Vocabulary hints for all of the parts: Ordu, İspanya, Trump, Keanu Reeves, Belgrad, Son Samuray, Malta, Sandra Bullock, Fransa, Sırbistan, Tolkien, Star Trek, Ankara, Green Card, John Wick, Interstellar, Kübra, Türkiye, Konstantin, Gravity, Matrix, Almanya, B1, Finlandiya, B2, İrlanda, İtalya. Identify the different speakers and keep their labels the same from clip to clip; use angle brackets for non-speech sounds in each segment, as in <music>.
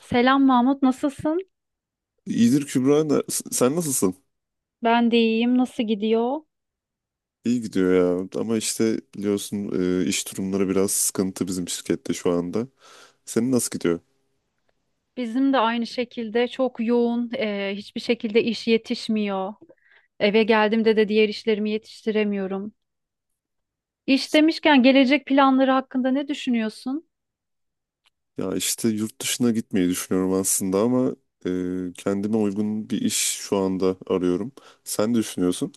Speaker 1: Selam Mahmut, nasılsın?
Speaker 2: İyidir Kübra. Sen nasılsın?
Speaker 1: Ben de iyiyim. Nasıl gidiyor?
Speaker 2: İyi gidiyor ya. Ama işte biliyorsun, iş durumları biraz sıkıntı bizim şirkette şu anda. Senin nasıl gidiyor?
Speaker 1: Bizim de aynı şekilde çok yoğun, hiçbir şekilde iş yetişmiyor. Eve geldiğimde de diğer işlerimi yetiştiremiyorum. İş demişken gelecek planları hakkında ne düşünüyorsun?
Speaker 2: Ya işte yurt dışına gitmeyi düşünüyorum aslında ama kendime uygun bir iş şu anda arıyorum. Sen ne düşünüyorsun?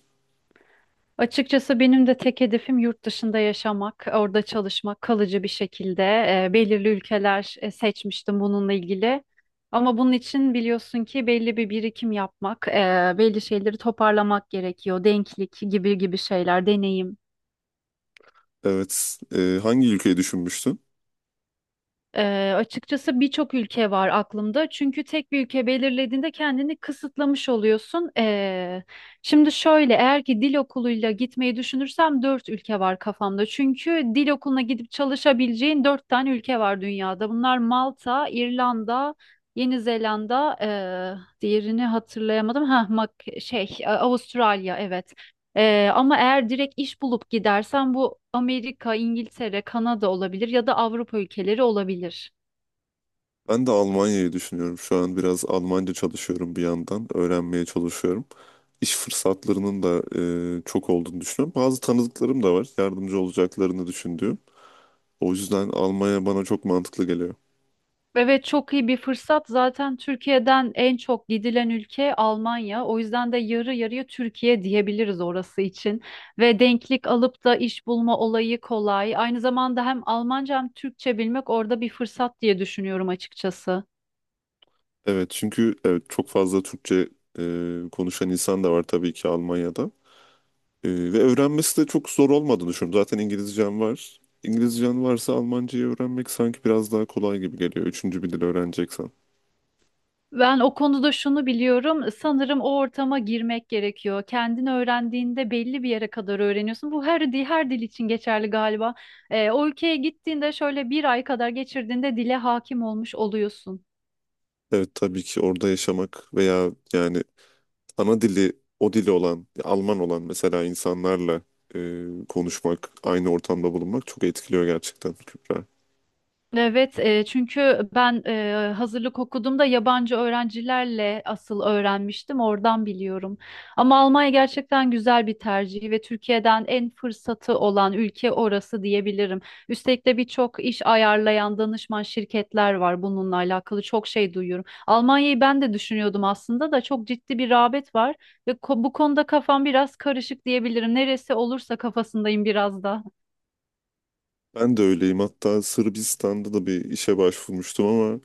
Speaker 1: Açıkçası benim de tek hedefim yurt dışında yaşamak, orada çalışmak, kalıcı bir şekilde. Belirli ülkeler seçmiştim bununla ilgili. Ama bunun için biliyorsun ki belli bir birikim yapmak, belli şeyleri toparlamak gerekiyor. Denklik gibi gibi şeyler, deneyim.
Speaker 2: Evet. Hangi ülkeyi düşünmüştün?
Speaker 1: Açıkçası birçok ülke var aklımda. Çünkü tek bir ülke belirlediğinde kendini kısıtlamış oluyorsun. Şimdi şöyle, eğer ki dil okuluyla gitmeyi düşünürsem dört ülke var kafamda. Çünkü dil okuluna gidip çalışabileceğin dört tane ülke var dünyada. Bunlar Malta, İrlanda, Yeni Zelanda, diğerini hatırlayamadım. Ha, Avustralya, evet. Ama eğer direkt iş bulup gidersen bu Amerika, İngiltere, Kanada olabilir ya da Avrupa ülkeleri olabilir.
Speaker 2: Ben de Almanya'yı düşünüyorum. Şu an biraz Almanca çalışıyorum bir yandan. Öğrenmeye çalışıyorum. İş fırsatlarının da çok olduğunu düşünüyorum. Bazı tanıdıklarım da var. Yardımcı olacaklarını düşündüğüm. O yüzden Almanya bana çok mantıklı geliyor.
Speaker 1: Evet, çok iyi bir fırsat. Zaten Türkiye'den en çok gidilen ülke Almanya. O yüzden de yarı yarıya Türkiye diyebiliriz orası için. Ve denklik alıp da iş bulma olayı kolay. Aynı zamanda hem Almanca hem Türkçe bilmek orada bir fırsat diye düşünüyorum açıkçası.
Speaker 2: Evet, çünkü evet, çok fazla Türkçe konuşan insan da var tabii ki Almanya'da. Ve öğrenmesi de çok zor olmadığını düşünüyorum. Zaten İngilizcem var. İngilizcen varsa Almancayı öğrenmek sanki biraz daha kolay gibi geliyor. Üçüncü bir dil öğreneceksen.
Speaker 1: Ben o konuda şunu biliyorum. Sanırım o ortama girmek gerekiyor. Kendin öğrendiğinde belli bir yere kadar öğreniyorsun. Bu her dil, her dil için geçerli galiba. O ülkeye gittiğinde şöyle bir ay kadar geçirdiğinde dile hakim olmuş oluyorsun.
Speaker 2: Evet, tabii ki orada yaşamak veya yani ana dili, o dili olan, Alman olan mesela insanlarla konuşmak, aynı ortamda bulunmak çok etkiliyor gerçekten Kübra.
Speaker 1: Evet, çünkü ben hazırlık okuduğumda yabancı öğrencilerle asıl öğrenmiştim, oradan biliyorum. Ama Almanya gerçekten güzel bir tercih ve Türkiye'den en fırsatı olan ülke orası diyebilirim. Üstelik de birçok iş ayarlayan danışman şirketler var, bununla alakalı çok şey duyuyorum. Almanya'yı ben de düşünüyordum aslında, da çok ciddi bir rağbet var ve bu konuda kafam biraz karışık diyebilirim. Neresi olursa kafasındayım biraz da.
Speaker 2: Ben de öyleyim. Hatta Sırbistan'da da bir işe başvurmuştum ama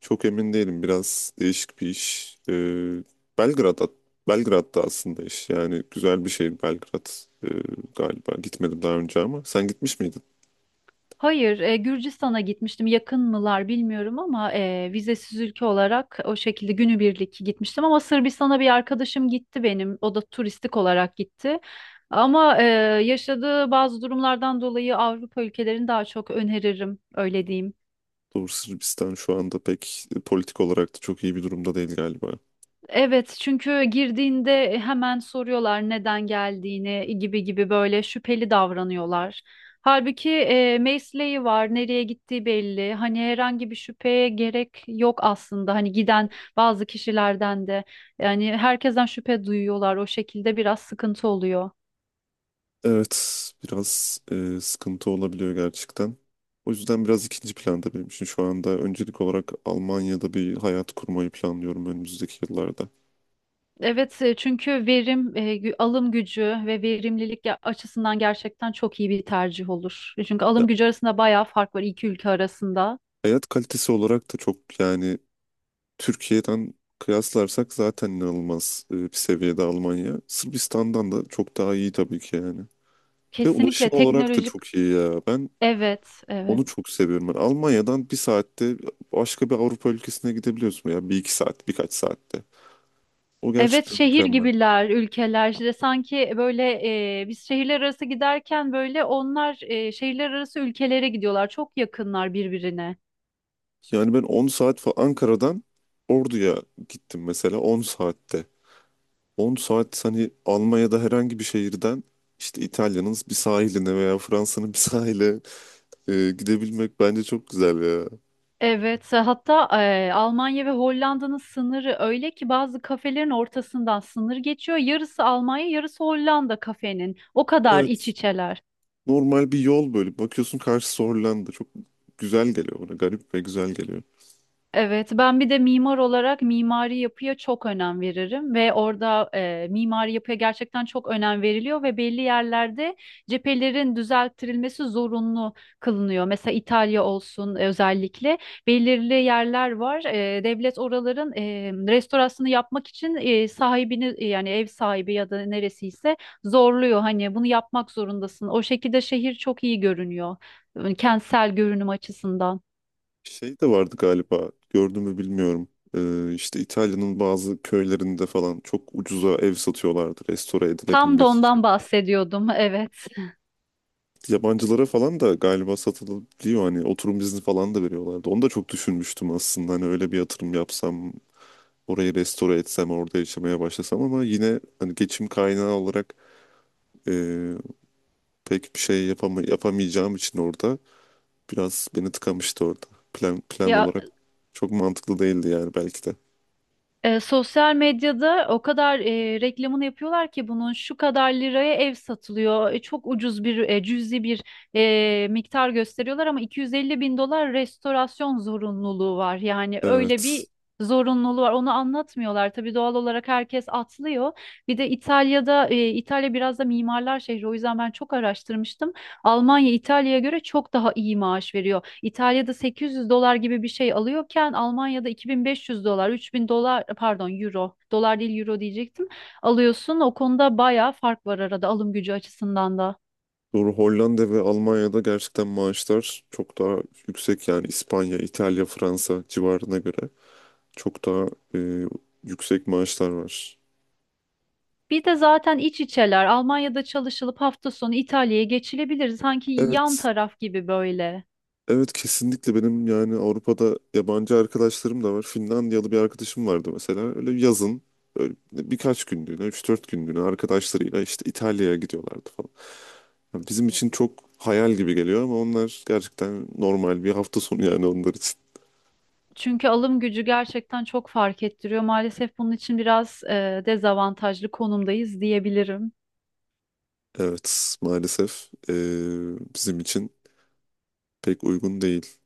Speaker 2: çok emin değilim. Biraz değişik bir iş. Belgrad'a, Belgrad'da aslında iş. Yani güzel bir şehir Belgrad Ee, galiba. Gitmedim daha önce ama sen gitmiş miydin?
Speaker 1: Hayır, Gürcistan'a gitmiştim. Yakın mılar bilmiyorum ama vizesiz ülke olarak o şekilde günübirlik gitmiştim. Ama Sırbistan'a bir arkadaşım gitti benim. O da turistik olarak gitti. Ama yaşadığı bazı durumlardan dolayı Avrupa ülkelerini daha çok öneririm, öyle diyeyim.
Speaker 2: Doğru, Sırbistan şu anda pek politik olarak da çok iyi bir durumda değil galiba.
Speaker 1: Evet, çünkü girdiğinde hemen soruyorlar neden geldiğini, gibi gibi böyle şüpheli davranıyorlar. Halbuki mesleği var, nereye gittiği belli. Hani herhangi bir şüpheye gerek yok aslında. Hani giden bazı kişilerden de, yani herkesten şüphe duyuyorlar. O şekilde biraz sıkıntı oluyor.
Speaker 2: Evet, biraz sıkıntı olabiliyor gerçekten. O yüzden biraz ikinci planda, benim için şu anda öncelik olarak Almanya'da bir hayat kurmayı planlıyorum önümüzdeki yıllarda.
Speaker 1: Evet, çünkü alım gücü ve verimlilik açısından gerçekten çok iyi bir tercih olur. Çünkü alım gücü arasında bayağı fark var iki ülke arasında.
Speaker 2: Hayat kalitesi olarak da çok, yani Türkiye'den kıyaslarsak zaten inanılmaz bir seviyede Almanya. Sırbistan'dan da çok daha iyi tabii ki yani. Ve ulaşım
Speaker 1: Kesinlikle
Speaker 2: olarak da
Speaker 1: teknolojik.
Speaker 2: çok iyi ya. Ben
Speaker 1: Evet, evet.
Speaker 2: onu çok seviyorum. Ben Almanya'dan bir saatte başka bir Avrupa ülkesine gidebiliyorsun ya. Bir iki saat, birkaç saatte. O
Speaker 1: Evet,
Speaker 2: gerçekten
Speaker 1: şehir
Speaker 2: mükemmel.
Speaker 1: gibiler, ülkeler. İşte sanki böyle, biz şehirler arası giderken böyle onlar şehirler arası ülkelere gidiyorlar. Çok yakınlar birbirine.
Speaker 2: Yani ben 10 saat falan Ankara'dan Ordu'ya gittim mesela 10 saatte. 10 saat hani Almanya'da herhangi bir şehirden işte İtalya'nın bir sahiline veya Fransa'nın bir sahile gidebilmek bence çok güzel ya.
Speaker 1: Evet, hatta Almanya ve Hollanda'nın sınırı öyle ki bazı kafelerin ortasından sınır geçiyor. Yarısı Almanya, yarısı Hollanda kafenin. O kadar iç
Speaker 2: Evet.
Speaker 1: içeler.
Speaker 2: Normal bir yol böyle. Bakıyorsun karşısı Hollanda. Çok güzel geliyor bana. Garip ve güzel geliyor.
Speaker 1: Evet, ben bir de mimar olarak mimari yapıya çok önem veririm ve orada mimari yapıya gerçekten çok önem veriliyor ve belli yerlerde cephelerin düzelttirilmesi zorunlu kılınıyor. Mesela İtalya olsun, özellikle belirli yerler var. Devlet oraların restorasyonu yapmak için sahibini, yani ev sahibi ya da neresiyse, zorluyor. Hani bunu yapmak zorundasın. O şekilde şehir çok iyi görünüyor, kentsel görünüm açısından.
Speaker 2: Şey de vardı galiba. Gördün mü bilmiyorum. İşte İtalya'nın bazı köylerinde falan çok ucuza ev satıyorlardı restore
Speaker 1: Tam da
Speaker 2: edilebilmesi
Speaker 1: ondan
Speaker 2: için.
Speaker 1: bahsediyordum, evet.
Speaker 2: Yabancılara falan da galiba satılabiliyor, hani oturum izni falan da veriyorlardı. Onu da çok düşünmüştüm aslında, hani öyle bir yatırım yapsam orayı restore etsem orada yaşamaya başlasam ama yine hani geçim kaynağı olarak e, pek bir şey yapamayacağım için orada biraz beni tıkamıştı orada. Plan
Speaker 1: Ya
Speaker 2: olarak çok mantıklı değildi yani belki de.
Speaker 1: sosyal medyada o kadar reklamını yapıyorlar ki bunun şu kadar liraya ev satılıyor. Çok ucuz bir, cüzi bir, miktar gösteriyorlar ama 250 bin dolar restorasyon zorunluluğu var. Yani öyle
Speaker 2: Evet.
Speaker 1: bir zorunluluğu var. Onu anlatmıyorlar. Tabii doğal olarak herkes atlıyor. Bir de İtalya'da, İtalya biraz da mimarlar şehri. O yüzden ben çok araştırmıştım. Almanya İtalya'ya göre çok daha iyi maaş veriyor. İtalya'da 800 dolar gibi bir şey alıyorken Almanya'da 2500 dolar, 3000 dolar, pardon euro, dolar değil euro diyecektim. Alıyorsun. O konuda bayağı fark var arada, alım gücü açısından da.
Speaker 2: Doğru, Hollanda ve Almanya'da gerçekten maaşlar çok daha yüksek yani İspanya, İtalya, Fransa civarına göre. Çok daha e, yüksek maaşlar var.
Speaker 1: Bir de zaten iç içeler. Almanya'da çalışılıp hafta sonu İtalya'ya geçilebilir. Sanki yan
Speaker 2: Evet,
Speaker 1: taraf gibi böyle.
Speaker 2: evet, kesinlikle. Benim yani Avrupa'da yabancı arkadaşlarım da var. Finlandiyalı bir arkadaşım vardı mesela. Öyle yazın böyle birkaç günlüğüne, 3-4 günlüğüne arkadaşlarıyla işte İtalya'ya gidiyorlardı falan. Yani bizim için çok hayal gibi geliyor ama onlar gerçekten normal bir hafta sonu yani onlar için.
Speaker 1: Çünkü alım gücü gerçekten çok fark ettiriyor. Maalesef bunun için biraz dezavantajlı konumdayız diyebilirim.
Speaker 2: Evet, maalesef bizim için pek uygun değil.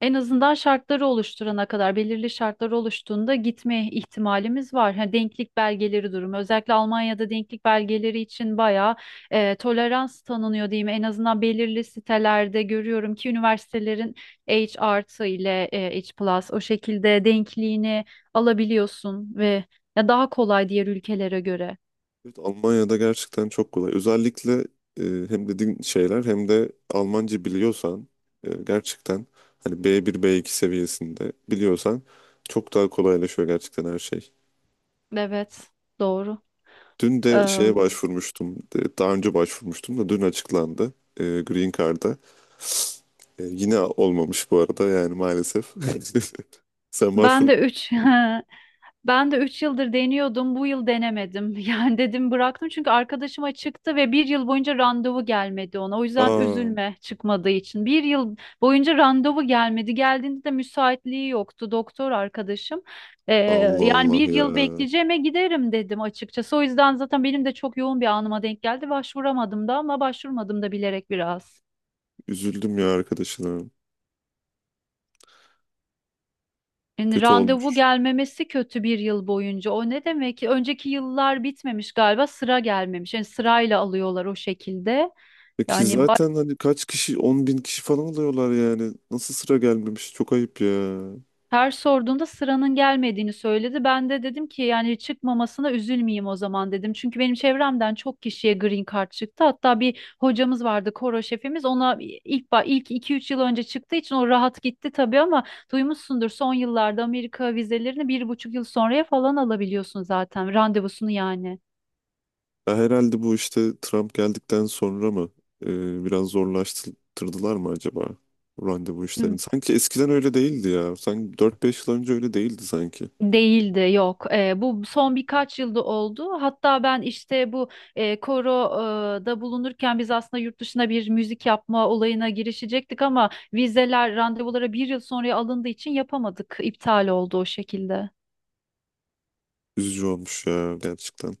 Speaker 1: En azından şartları oluşturana kadar, belirli şartları oluştuğunda gitme ihtimalimiz var. Ha, denklik belgeleri durumu, özellikle Almanya'da denklik belgeleri için bayağı tolerans tanınıyor diyeyim. En azından belirli sitelerde görüyorum ki üniversitelerin H artı ile, H plus o şekilde denkliğini alabiliyorsun ve ya daha kolay diğer ülkelere göre.
Speaker 2: Evet, Almanya'da gerçekten çok kolay. Özellikle e, hem dediğin şeyler hem de Almanca biliyorsan gerçekten hani B1 B2 seviyesinde biliyorsan çok daha kolaylaşıyor gerçekten her şey.
Speaker 1: Evet, doğru.
Speaker 2: Dün de
Speaker 1: Eee,
Speaker 2: şeye başvurmuştum. Daha önce başvurmuştum da dün açıklandı Green Card'a. Yine olmamış bu arada yani maalesef. <laughs> Sen başvur.
Speaker 1: Ben de 3. <laughs> Ben de 3 yıldır deniyordum. Bu yıl denemedim. <laughs> Yani dedim bıraktım, çünkü arkadaşıma çıktı ve bir yıl boyunca randevu gelmedi ona. O yüzden
Speaker 2: Aa,
Speaker 1: üzülme çıkmadığı için. Bir yıl boyunca randevu gelmedi. Geldiğinde de müsaitliği yoktu doktor arkadaşım. Ee,
Speaker 2: Allah
Speaker 1: Yani
Speaker 2: Allah
Speaker 1: bir
Speaker 2: ya.
Speaker 1: yıl bekleyeceğime giderim dedim açıkçası. O yüzden zaten benim de çok yoğun bir anıma denk geldi. Başvuramadım da ama başvurmadım da bilerek biraz.
Speaker 2: Üzüldüm ya arkadaşına.
Speaker 1: Yani
Speaker 2: Kötü
Speaker 1: randevu
Speaker 2: olmuş.
Speaker 1: gelmemesi kötü, bir yıl boyunca. O ne demek ki? Önceki yıllar bitmemiş galiba, sıra gelmemiş. Yani sırayla alıyorlar o şekilde.
Speaker 2: Peki
Speaker 1: Yani
Speaker 2: zaten hani kaç kişi, 10 bin kişi falan oluyorlar yani. Nasıl sıra gelmemiş? Çok ayıp ya.
Speaker 1: her sorduğunda sıranın gelmediğini söyledi. Ben de dedim ki, yani çıkmamasına üzülmeyeyim o zaman dedim. Çünkü benim çevremden çok kişiye green card çıktı. Hatta bir hocamız vardı, koro şefimiz. Ona ilk 2-3 yıl önce çıktığı için o rahat gitti tabii ama duymuşsundur son yıllarda Amerika vizelerini 1,5 yıl sonraya falan alabiliyorsun zaten randevusunu, yani.
Speaker 2: Ya herhalde bu işte Trump geldikten sonra mı biraz zorlaştırdılar mı acaba bu randevu işlerini? Sanki eskiden öyle değildi ya. Sanki 4-5 yıl önce öyle değildi sanki.
Speaker 1: Değildi, yok. Bu son birkaç yılda oldu. Hatta ben işte bu koroda bulunurken biz aslında yurt dışına bir müzik yapma olayına girişecektik ama vizeler randevulara bir yıl sonraya alındığı için yapamadık. İptal oldu o şekilde.
Speaker 2: Üzücü olmuş ya gerçekten.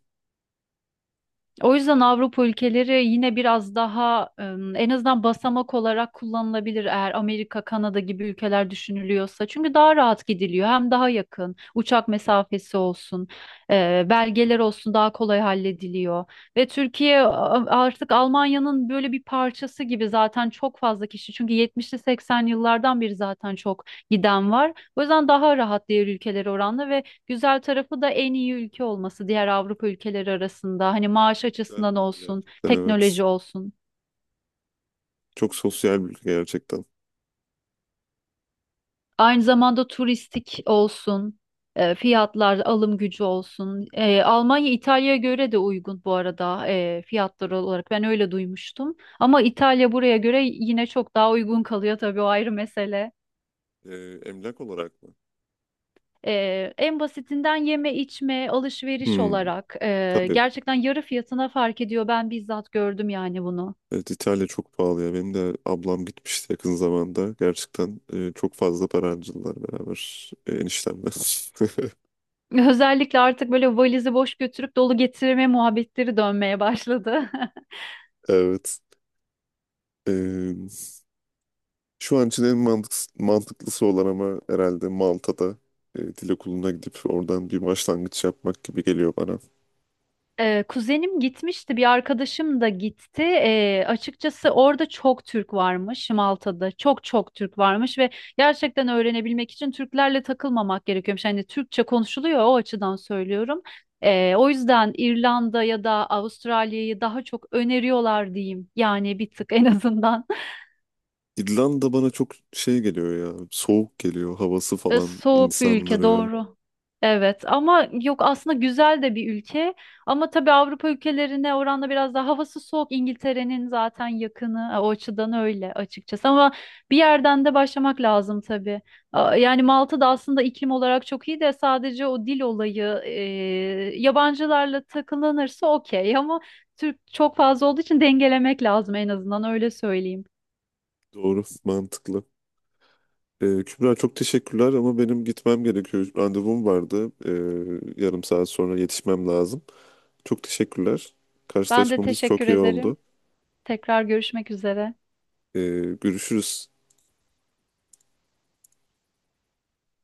Speaker 1: O yüzden Avrupa ülkeleri yine biraz daha, en azından basamak olarak kullanılabilir eğer Amerika, Kanada gibi ülkeler düşünülüyorsa. Çünkü daha rahat gidiliyor, hem daha yakın uçak mesafesi olsun, belgeler olsun daha kolay hallediliyor. Ve Türkiye artık Almanya'nın böyle bir parçası gibi, zaten çok fazla kişi, çünkü 70'li 80'li yıllardan beri zaten çok giden var. O yüzden daha rahat diğer ülkelere oranla ve güzel tarafı da en iyi ülke olması diğer Avrupa ülkeleri arasında. Hani maaş
Speaker 2: Sosyal
Speaker 1: açısından
Speaker 2: bir ülke
Speaker 1: olsun,
Speaker 2: gerçekten, evet.
Speaker 1: teknoloji olsun,
Speaker 2: Çok sosyal bir ülke gerçekten.
Speaker 1: aynı zamanda turistik olsun, fiyatlar, alım gücü olsun. Almanya İtalya'ya göre de uygun bu arada, fiyatlar olarak. Ben öyle duymuştum. Ama İtalya buraya göre yine çok daha uygun kalıyor tabii, o ayrı mesele.
Speaker 2: E, Emlak olarak mı?
Speaker 1: En basitinden yeme içme alışveriş
Speaker 2: Hmm,
Speaker 1: olarak,
Speaker 2: tabii.
Speaker 1: gerçekten yarı fiyatına fark ediyor. Ben bizzat gördüm yani bunu.
Speaker 2: Evet, İtalya çok pahalı ya. Benim de ablam gitmişti yakın zamanda. Gerçekten çok fazla para harcadılar beraber eniştemle. <laughs>
Speaker 1: Özellikle artık böyle valizi boş götürüp dolu getirme muhabbetleri dönmeye başladı. <laughs>
Speaker 2: Evet. E, Şu an için en mantıklısı olan ama herhalde Malta'da dil okuluna gidip oradan bir başlangıç yapmak gibi geliyor bana.
Speaker 1: Kuzenim gitmişti, bir arkadaşım da gitti. Açıkçası orada çok Türk varmış, Malta'da. Çok çok Türk varmış ve gerçekten öğrenebilmek için Türklerle takılmamak gerekiyormuş. Yani Türkçe konuşuluyor, o açıdan söylüyorum. O yüzden İrlanda ya da Avustralya'yı daha çok öneriyorlar diyeyim. Yani bir tık en azından.
Speaker 2: İrlanda bana çok şey geliyor ya. Soğuk geliyor. Havası falan.
Speaker 1: Soğuk bir ülke,
Speaker 2: İnsanları.
Speaker 1: doğru. Evet ama yok, aslında güzel de bir ülke ama tabii Avrupa ülkelerine oranla biraz daha havası soğuk, İngiltere'nin zaten yakını, o açıdan öyle açıkçası, ama bir yerden de başlamak lazım tabii. Yani Malta da aslında iklim olarak çok iyi de sadece o dil olayı, yabancılarla takılanırsa okey ama Türk çok fazla olduğu için dengelemek lazım, en azından öyle söyleyeyim.
Speaker 2: Doğru. Mantıklı. Kübra çok teşekkürler ama benim gitmem gerekiyor. Randevum vardı. Yarım saat sonra yetişmem lazım. Çok teşekkürler.
Speaker 1: Ben de
Speaker 2: Karşılaşmamız çok
Speaker 1: teşekkür
Speaker 2: iyi
Speaker 1: ederim.
Speaker 2: oldu.
Speaker 1: Tekrar görüşmek üzere.
Speaker 2: Ee, Görüşürüz.